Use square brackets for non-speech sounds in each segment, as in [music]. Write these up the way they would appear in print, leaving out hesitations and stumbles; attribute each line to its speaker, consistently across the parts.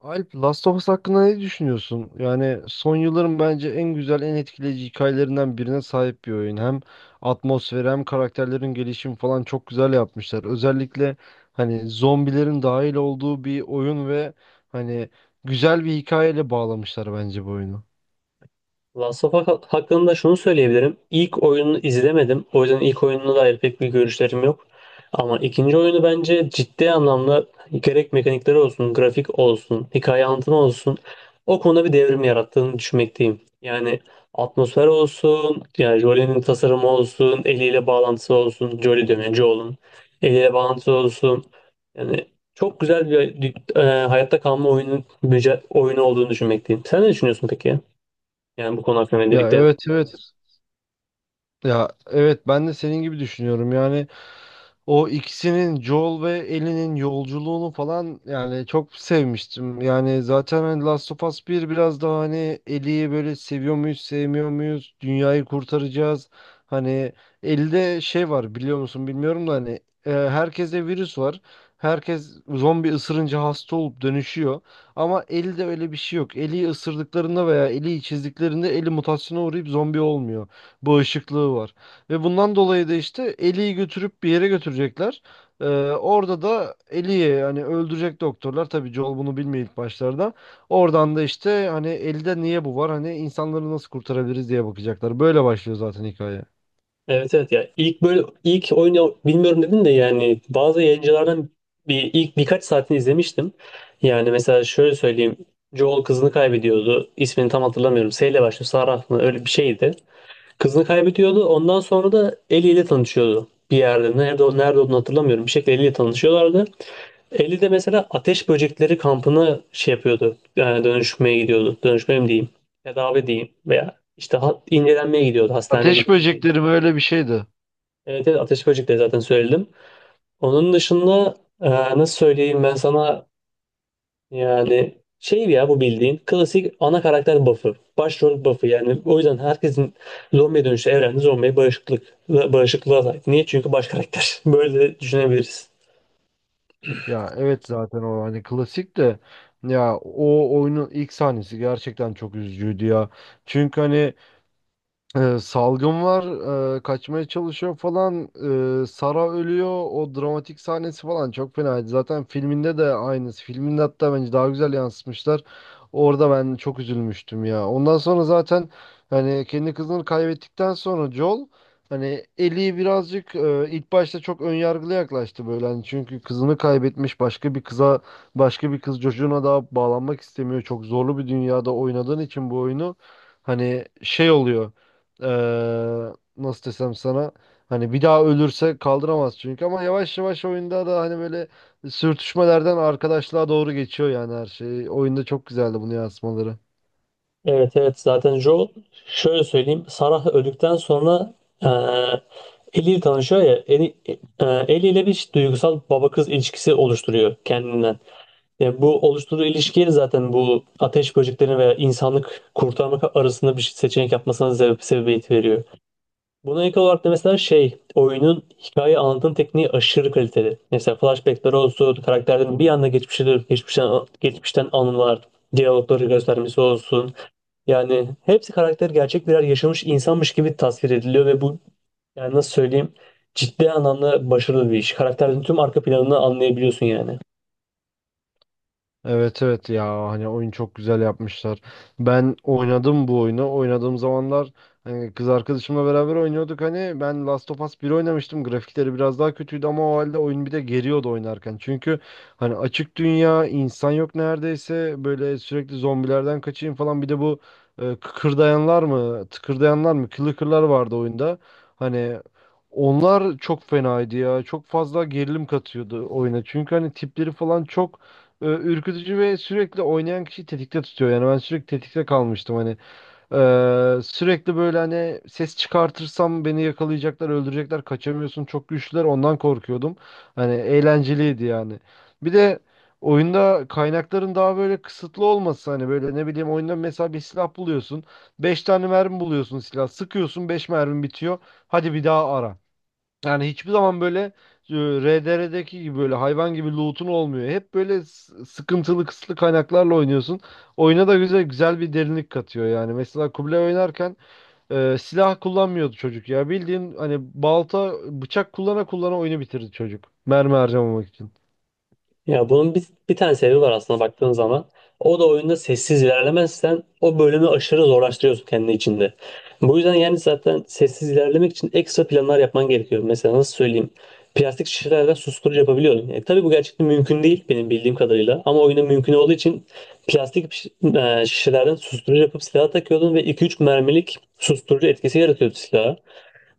Speaker 1: Alp, Last of Us hakkında ne düşünüyorsun? Yani son yılların bence en güzel, en etkileyici hikayelerinden birine sahip bir oyun. Hem atmosferi hem karakterlerin gelişimi falan çok güzel yapmışlar. Özellikle hani zombilerin dahil olduğu bir oyun ve hani güzel bir hikayeyle bağlamışlar bence bu oyunu.
Speaker 2: Last of Us hakkında şunu söyleyebilirim. İlk oyununu izlemedim. O yüzden ilk oyununa dair pek bir görüşlerim yok. Ama ikinci oyunu bence ciddi anlamda gerek mekanikleri olsun, grafik olsun, hikaye anlatımı olsun o konuda bir devrim yarattığını düşünmekteyim. Yani atmosfer olsun, yani Jolie'nin tasarımı olsun, eliyle bağlantısı olsun, Jolie diyorum yani Joel'un eliyle bağlantısı olsun. Yani çok güzel bir hayatta kalma oyunu, oyunu olduğunu düşünmekteyim. Sen ne düşünüyorsun peki? Yani bu konu hakkında
Speaker 1: Ya,
Speaker 2: öncelikle,
Speaker 1: evet, evet. Ya evet, ben de senin gibi düşünüyorum. Yani o ikisinin, Joel ve Ellie'nin yolculuğunu falan yani çok sevmiştim. Yani zaten hani Last of Us bir biraz daha hani Ellie'yi böyle seviyor muyuz, sevmiyor muyuz? Dünyayı kurtaracağız. Hani elde şey var, biliyor musun bilmiyorum da hani herkeste virüs var. Herkes zombi ısırınca hasta olup dönüşüyor. Ama Ellie'de öyle bir şey yok. Ellie'yi ısırdıklarında veya Ellie'yi çizdiklerinde Ellie mutasyona uğrayıp zombi olmuyor, bağışıklığı var. Ve bundan dolayı da işte Ellie'yi götürüp bir yere götürecekler. Ee, orada da Ellie'yi hani öldürecek doktorlar. Tabii Joel bunu bilmiyor ilk başlarda. Oradan da işte hani Ellie'de niye bu var? Hani insanları nasıl kurtarabiliriz diye bakacaklar. Böyle başlıyor zaten hikaye.
Speaker 2: evet, evet, ya ilk böyle ilk oyunu bilmiyorum dedin de yani bazı yayıncılardan bir ilk birkaç saatini izlemiştim. Yani mesela şöyle söyleyeyim. Joel kızını kaybediyordu. İsmini tam hatırlamıyorum. S ile başlıyor. Sarah mı? Öyle bir şeydi. Kızını kaybediyordu. Ondan sonra da Ellie ile tanışıyordu. Bir yerde. Nerede olduğunu hatırlamıyorum. Bir şekilde Ellie ile tanışıyorlardı. Eli de mesela ateş böcekleri kampına şey yapıyordu. Yani dönüşmeye gidiyordu. Dönüşmeye mi diyeyim? Tedavi diyeyim. Veya işte incelenmeye gidiyordu. Hastaneye
Speaker 1: Ateş
Speaker 2: gidiyordu.
Speaker 1: böcekleri böyle bir şeydi.
Speaker 2: Evet, evet, ateş böcekleri zaten söyledim. Onun dışında nasıl söyleyeyim ben sana, yani şey ya, bu bildiğin klasik ana karakter buff'ı. Başrol buff'ı, yani o yüzden herkesin zombiye dönüşü evrende zombiye bağışıklığa sahip. Niye? Çünkü baş karakter. [laughs] Böyle düşünebiliriz.
Speaker 1: Ya evet, zaten o hani klasik de, ya o oyunun ilk sahnesi gerçekten çok üzücüydü ya. Çünkü hani salgın var, kaçmaya çalışıyor falan. Sara ölüyor. O dramatik sahnesi falan çok fenaydı. Zaten filminde de aynısı. Filminde hatta bence daha güzel yansıtmışlar. Orada ben çok üzülmüştüm ya. Ondan sonra zaten hani kendi kızını kaybettikten sonra Joel hani Ellie'yi birazcık ilk başta çok önyargılı yaklaştı böyle. Hani çünkü kızını kaybetmiş, başka bir kıza, başka bir kız çocuğuna daha bağlanmak istemiyor. Çok zorlu bir dünyada oynadığın için bu oyunu, hani şey oluyor, nasıl desem sana, hani bir daha ölürse kaldıramaz çünkü. Ama yavaş yavaş oyunda da hani böyle sürtüşmelerden arkadaşlığa doğru geçiyor yani her şey. Oyunda çok güzeldi bunu yansımaları.
Speaker 2: Evet, evet, zaten Joel, şöyle söyleyeyim, Sarah öldükten sonra e, Ellie ile tanışıyor ya. Ellie, Ellie ile bir duygusal baba kız ilişkisi oluşturuyor kendinden. Yani bu oluşturduğu ilişkiye zaten bu ateş böceklerini veya insanlık kurtarmak arasında bir seçenek yapmasına sebebiyet veriyor. Buna ek olarak da mesela şey, oyunun hikaye anlatım tekniği aşırı kaliteli. Mesela flashbackler olsun, karakterlerin bir anda geçmişe dönüp geçmişten anılar, diyalogları göstermesi olsun. Yani hepsi karakter gerçek birer yaşamış insanmış gibi tasvir ediliyor ve bu, yani nasıl söyleyeyim, ciddi anlamda başarılı bir iş. Karakterin tüm arka planını anlayabiliyorsun yani.
Speaker 1: Evet, evet, ya hani oyun çok güzel yapmışlar. Ben oynadım bu oyunu. Oynadığım zamanlar hani kız arkadaşımla beraber oynuyorduk, hani ben Last of Us bir oynamıştım. Grafikleri biraz daha kötüydü ama o halde oyun bir de geriyordu oynarken. Çünkü hani açık dünya, insan yok neredeyse. Böyle sürekli zombilerden kaçayım falan. Bir de bu kıkırdayanlar mı, tıkırdayanlar mı, clicker vardı oyunda. Hani onlar çok fenaydı ya. Çok fazla gerilim katıyordu oyuna. Çünkü hani tipleri falan çok ürkütücü ve sürekli oynayan kişiyi tetikte tutuyor. Yani ben sürekli tetikte kalmıştım hani. Sürekli böyle hani ses çıkartırsam beni yakalayacaklar, öldürecekler, kaçamıyorsun. Çok güçlüler. Ondan korkuyordum. Hani eğlenceliydi yani. Bir de oyunda kaynakların daha böyle kısıtlı olması, hani böyle ne bileyim, oyunda mesela bir silah buluyorsun. Beş tane mermi buluyorsun silah. Sıkıyorsun, 5 mermi bitiyor. Hadi bir daha ara. Yani hiçbir zaman böyle RDR'deki gibi böyle hayvan gibi loot'un olmuyor. Hep böyle sıkıntılı, kısıtlı kaynaklarla oynuyorsun. Oyuna da güzel güzel bir derinlik katıyor yani. Mesela Kubilay oynarken silah kullanmıyordu çocuk ya. Bildiğin hani balta, bıçak kullana kullana oyunu bitirdi çocuk. Mermi harcamamak için.
Speaker 2: Ya bunun bir tane sebebi var aslında baktığın zaman. O da oyunda sessiz ilerlemezsen o bölümü aşırı zorlaştırıyorsun kendi içinde. Bu yüzden yani zaten sessiz ilerlemek için ekstra planlar yapman gerekiyor. Mesela nasıl söyleyeyim? Plastik şişelerden susturucu yapabiliyorsun. Tabii bu gerçekten mümkün değil benim bildiğim kadarıyla. Ama oyunda mümkün olduğu için şişelerden susturucu yapıp silaha takıyordun ve iki üç mermilik susturucu etkisi yaratıyordu silaha.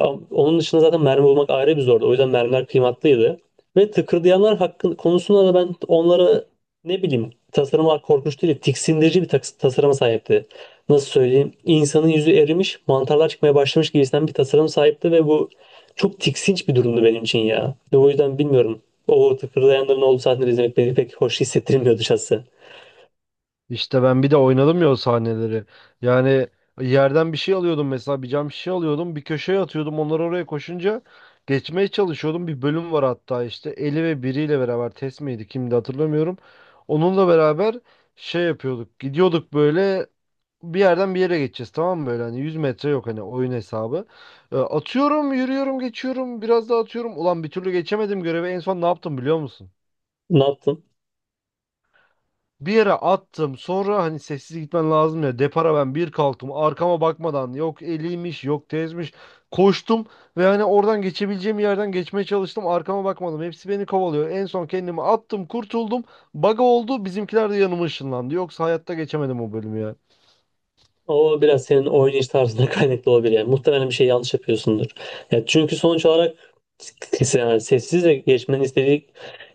Speaker 2: Onun dışında zaten mermi bulmak ayrı bir zordu. O yüzden mermiler kıymatlıydı. Ve tıkırdayanlar hakkın konusunda da ben onlara, ne bileyim, tasarımlar korkunç değil, tiksindirici bir tasarıma sahipti. Nasıl söyleyeyim? İnsanın yüzü erimiş, mantarlar çıkmaya başlamış gibisinden bir tasarım sahipti ve bu çok tiksinç bir durumdu benim için ya. Ve o yüzden bilmiyorum. O tıkırdayanların olduğu sahneleri izlemek beni pek hoş hissettirmiyordu şahsen.
Speaker 1: İşte ben bir de oynadım ya o sahneleri. Yani yerden bir şey alıyordum, mesela bir cam şişe alıyordum, bir köşeye atıyordum, onlar oraya koşunca geçmeye çalışıyordum. Bir bölüm var hatta, işte Eli ve biriyle beraber, Tess miydi kimdi hatırlamıyorum. Onunla beraber şey yapıyorduk, gidiyorduk böyle. Bir yerden bir yere geçeceğiz, tamam mı, böyle hani 100 metre yok hani, oyun hesabı. Atıyorum, yürüyorum, geçiyorum, biraz daha atıyorum, ulan bir türlü geçemedim görevi. En son ne yaptım, biliyor musun?
Speaker 2: Ne yaptın?
Speaker 1: Bir yere attım. Sonra hani sessiz gitmen lazım ya. Depara ben bir kalktım. Arkama bakmadan, yok eliymiş, yok tezmiş. Koştum ve hani oradan geçebileceğim yerden geçmeye çalıştım. Arkama bakmadım. Hepsi beni kovalıyor. En son kendimi attım, kurtuldum. Baga oldu. Bizimkiler de yanıma ışınlandı. Yoksa hayatta geçemedim o bölümü ya.
Speaker 2: O biraz senin oynayış tarzına [laughs] kaynaklı olabilir yani. Muhtemelen bir şey yanlış yapıyorsundur. Ya çünkü sonuç olarak, yani sessiz ve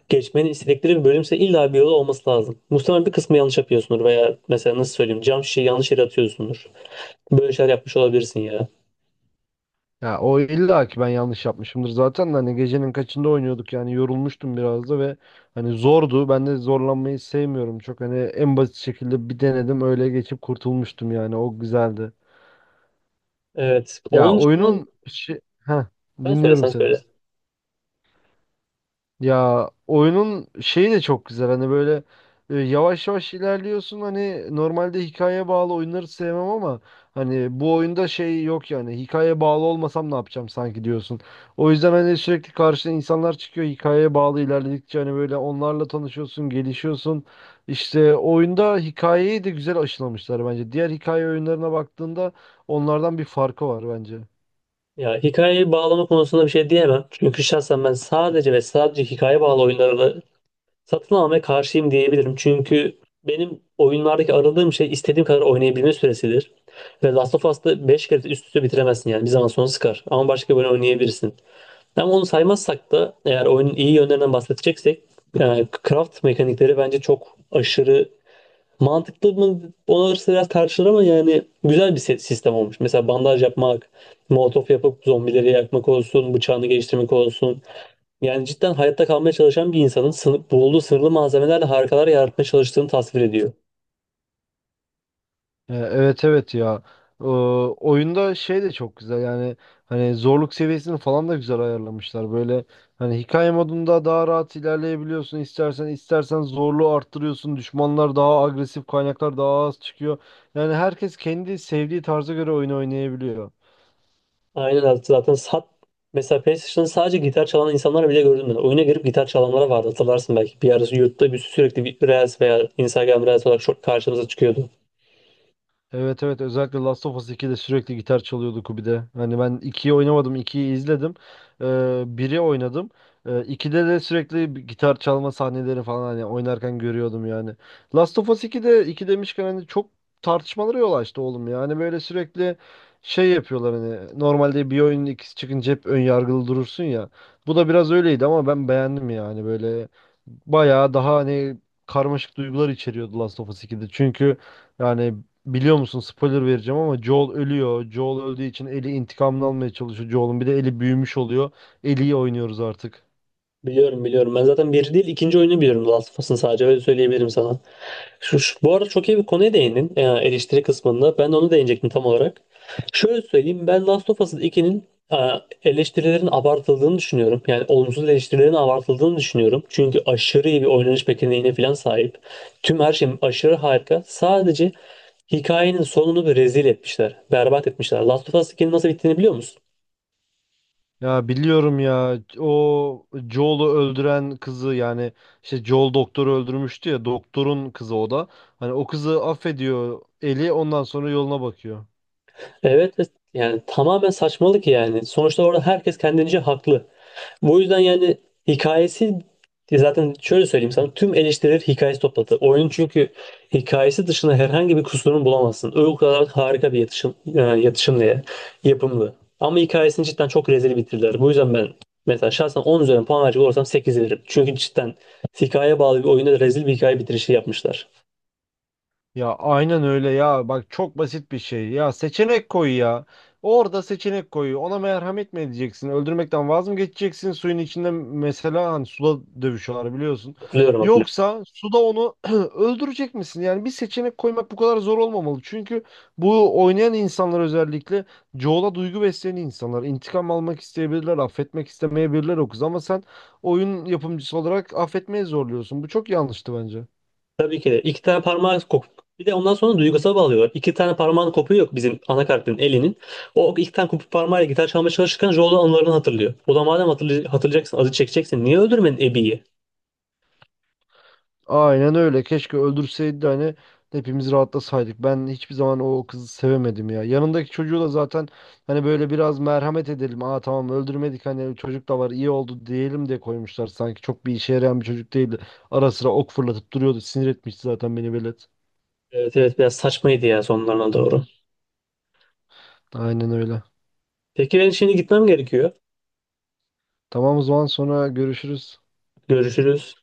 Speaker 2: geçmeni istedikleri bir bölümse illa bir yolu olması lazım. Muhtemelen bir kısmı yanlış yapıyorsundur veya mesela, nasıl söyleyeyim, cam şişeyi yanlış yere atıyorsundur. Böyle şeyler yapmış olabilirsin ya.
Speaker 1: Ya o illa ki ben yanlış yapmışımdır zaten de, hani gecenin kaçında oynuyorduk yani, yorulmuştum biraz da. Ve hani zordu, ben de zorlanmayı sevmiyorum çok, hani en basit şekilde bir denedim, öyle geçip kurtulmuştum yani. O güzeldi.
Speaker 2: Evet.
Speaker 1: Ya
Speaker 2: Onun dışında
Speaker 1: oyunun şey... Heh,
Speaker 2: ben söyle,
Speaker 1: dinliyorum
Speaker 2: sen
Speaker 1: seni.
Speaker 2: söyle.
Speaker 1: Ya oyunun şeyi de çok güzel, hani böyle yavaş yavaş ilerliyorsun. Hani normalde hikaye bağlı oyunları sevmem ama hani bu oyunda şey yok yani, hikaye bağlı olmasam ne yapacağım sanki diyorsun. O yüzden hani sürekli karşına insanlar çıkıyor hikayeye bağlı ilerledikçe, hani böyle onlarla tanışıyorsun, gelişiyorsun. İşte oyunda hikayeyi de güzel aşılamışlar bence. Diğer hikaye oyunlarına baktığında onlardan bir farkı var bence.
Speaker 2: Ya, hikayeyi bağlama konusunda bir şey diyemem. Çünkü şahsen ben sadece ve sadece hikaye bağlı oyunlara satın almaya karşıyım diyebilirim. Çünkü benim oyunlardaki aradığım şey istediğim kadar oynayabilme süresidir. Ve Last of Us'ta 5 kere üst üste bitiremezsin yani. Bir zaman sonra sıkar. Ama başka böyle oynayabilirsin. Ama onu saymazsak da, eğer oyunun iyi yönlerinden bahsedeceksek, yani craft mekanikleri bence çok aşırı, mantıklı mı ona biraz tartışılır, ama yani güzel bir sistem olmuş. Mesela bandaj yapmak, molotof yapıp zombileri yakmak olsun, bıçağını geliştirmek olsun. Yani cidden hayatta kalmaya çalışan bir insanın, bulduğu sınırlı malzemelerle harikalar yaratmaya çalıştığını tasvir ediyor.
Speaker 1: Evet, evet ya. Oyunda şey de çok güzel yani, hani zorluk seviyesini falan da güzel ayarlamışlar. Böyle hani hikaye modunda daha rahat ilerleyebiliyorsun, istersen istersen zorluğu arttırıyorsun. Düşmanlar daha agresif, kaynaklar daha az çıkıyor. Yani herkes kendi sevdiği tarza göre oyunu oynayabiliyor.
Speaker 2: Aynen öyle. Zaten mesela PlayStation'da sadece gitar çalan insanlar bile gördüm ben. Oyuna girip gitar çalanlara vardı, hatırlarsın belki. Bir ara YouTube'da bir sürekli bir Reels veya Instagram Reels olarak çok karşımıza çıkıyordu.
Speaker 1: Evet, evet, özellikle Last of Us 2'de sürekli gitar çalıyordu Kubi'de. Hani ben ikiyi oynamadım, ikiyi izledim. Ee, 1'i oynadım. 2'de de sürekli bir gitar çalma sahneleri falan hani oynarken görüyordum yani. Last of Us 2'de, 2 demişken, hani çok tartışmalara yol açtı oğlum ya. Hani böyle sürekli şey yapıyorlar, hani normalde bir oyunun ikisi çıkınca hep ön yargılı durursun ya. Bu da biraz öyleydi ama ben beğendim yani. Böyle bayağı daha hani karmaşık duygular içeriyordu Last of Us 2'de. Çünkü yani, biliyor musun, spoiler vereceğim ama Joel ölüyor. Joel öldüğü için Ellie intikamını almaya çalışıyor Joel'un. Bir de Ellie büyümüş oluyor. Ellie'yi oynuyoruz artık.
Speaker 2: Biliyorum, biliyorum. Ben zaten bir değil ikinci oyunu biliyorum The Last of Us'ın, sadece öyle söyleyebilirim sana. Bu arada çok iyi bir konuya değindin, eleştiri kısmında. Ben de onu değinecektim tam olarak. Şöyle söyleyeyim, ben Last of Us 2'nin e, eleştirilerin abartıldığını düşünüyorum. Yani olumsuz eleştirilerin abartıldığını düşünüyorum. Çünkü aşırı iyi bir oynanış mekaniğine falan sahip. Tüm her şey aşırı harika. Sadece hikayenin sonunu bir rezil etmişler. Berbat etmişler. Last of Us 2'nin nasıl bittiğini biliyor musun?
Speaker 1: Ya biliyorum ya, o Joel'u öldüren kızı yani, işte Joel doktoru öldürmüştü ya, doktorun kızı o da. Hani o kızı affediyor Ellie, ondan sonra yoluna bakıyor.
Speaker 2: Evet, evet. Yani tamamen saçmalık yani. Sonuçta orada herkes kendince haklı. Bu yüzden yani, hikayesi, zaten şöyle söyleyeyim sana, tüm eleştiriler hikayesi topladı. Oyunun çünkü hikayesi dışında herhangi bir kusurunu bulamazsın. O kadar harika bir yatışım, e, yatışımlı ya, yapımlı. Ama hikayesini cidden çok rezil bitirdiler. Bu yüzden ben mesela şahsen 10 üzerinden puan verecek olursam 8 veririm. Çünkü cidden hikayeye bağlı bir oyunda rezil bir hikaye bitirişi yapmışlar.
Speaker 1: Ya aynen öyle ya. Bak, çok basit bir şey. Ya seçenek koy ya. Orada seçenek koy. Ona merhamet mi edeceksin? Öldürmekten vaz mı geçeceksin? Suyun içinde mesela, hani suda dövüşüyorlar, biliyorsun.
Speaker 2: Hatırlıyorum, hatırlıyorum.
Speaker 1: Yoksa suda onu [clears throat] öldürecek misin? Yani bir seçenek koymak bu kadar zor olmamalı. Çünkü bu oynayan insanlar, özellikle çoğula duygu besleyen insanlar, İntikam almak isteyebilirler, affetmek istemeyebilirler o kız. Ama sen oyun yapımcısı olarak affetmeye zorluyorsun. Bu çok yanlıştı bence.
Speaker 2: Tabii ki de. İki tane parmağı kopuyor. Bir de ondan sonra duygusal bağlıyorlar. İki tane parmağın kopuyor yok, bizim ana karakterin elinin. O iki tane kopuk parmağıyla gitar çalmaya çalışırken Joel'un anılarını hatırlıyor. O da, madem hatırlayacaksın, acı çekeceksin, niye öldürmedin Abby'yi?
Speaker 1: Aynen öyle. Keşke öldürseydi de hani hepimiz rahatlasaydık. Ben hiçbir zaman o kızı sevemedim ya. Yanındaki çocuğu da zaten, hani böyle biraz merhamet edelim, aa tamam öldürmedik, hani çocuk da var, iyi oldu diyelim de koymuşlar. Sanki çok bir işe yarayan bir çocuk değildi. Ara sıra ok fırlatıp duruyordu. Sinir etmişti zaten beni velet.
Speaker 2: Evet, evet, biraz saçmaydı ya sonlarına doğru.
Speaker 1: Aynen öyle.
Speaker 2: Peki, ben şimdi gitmem gerekiyor.
Speaker 1: Tamam, o zaman sonra görüşürüz.
Speaker 2: Görüşürüz.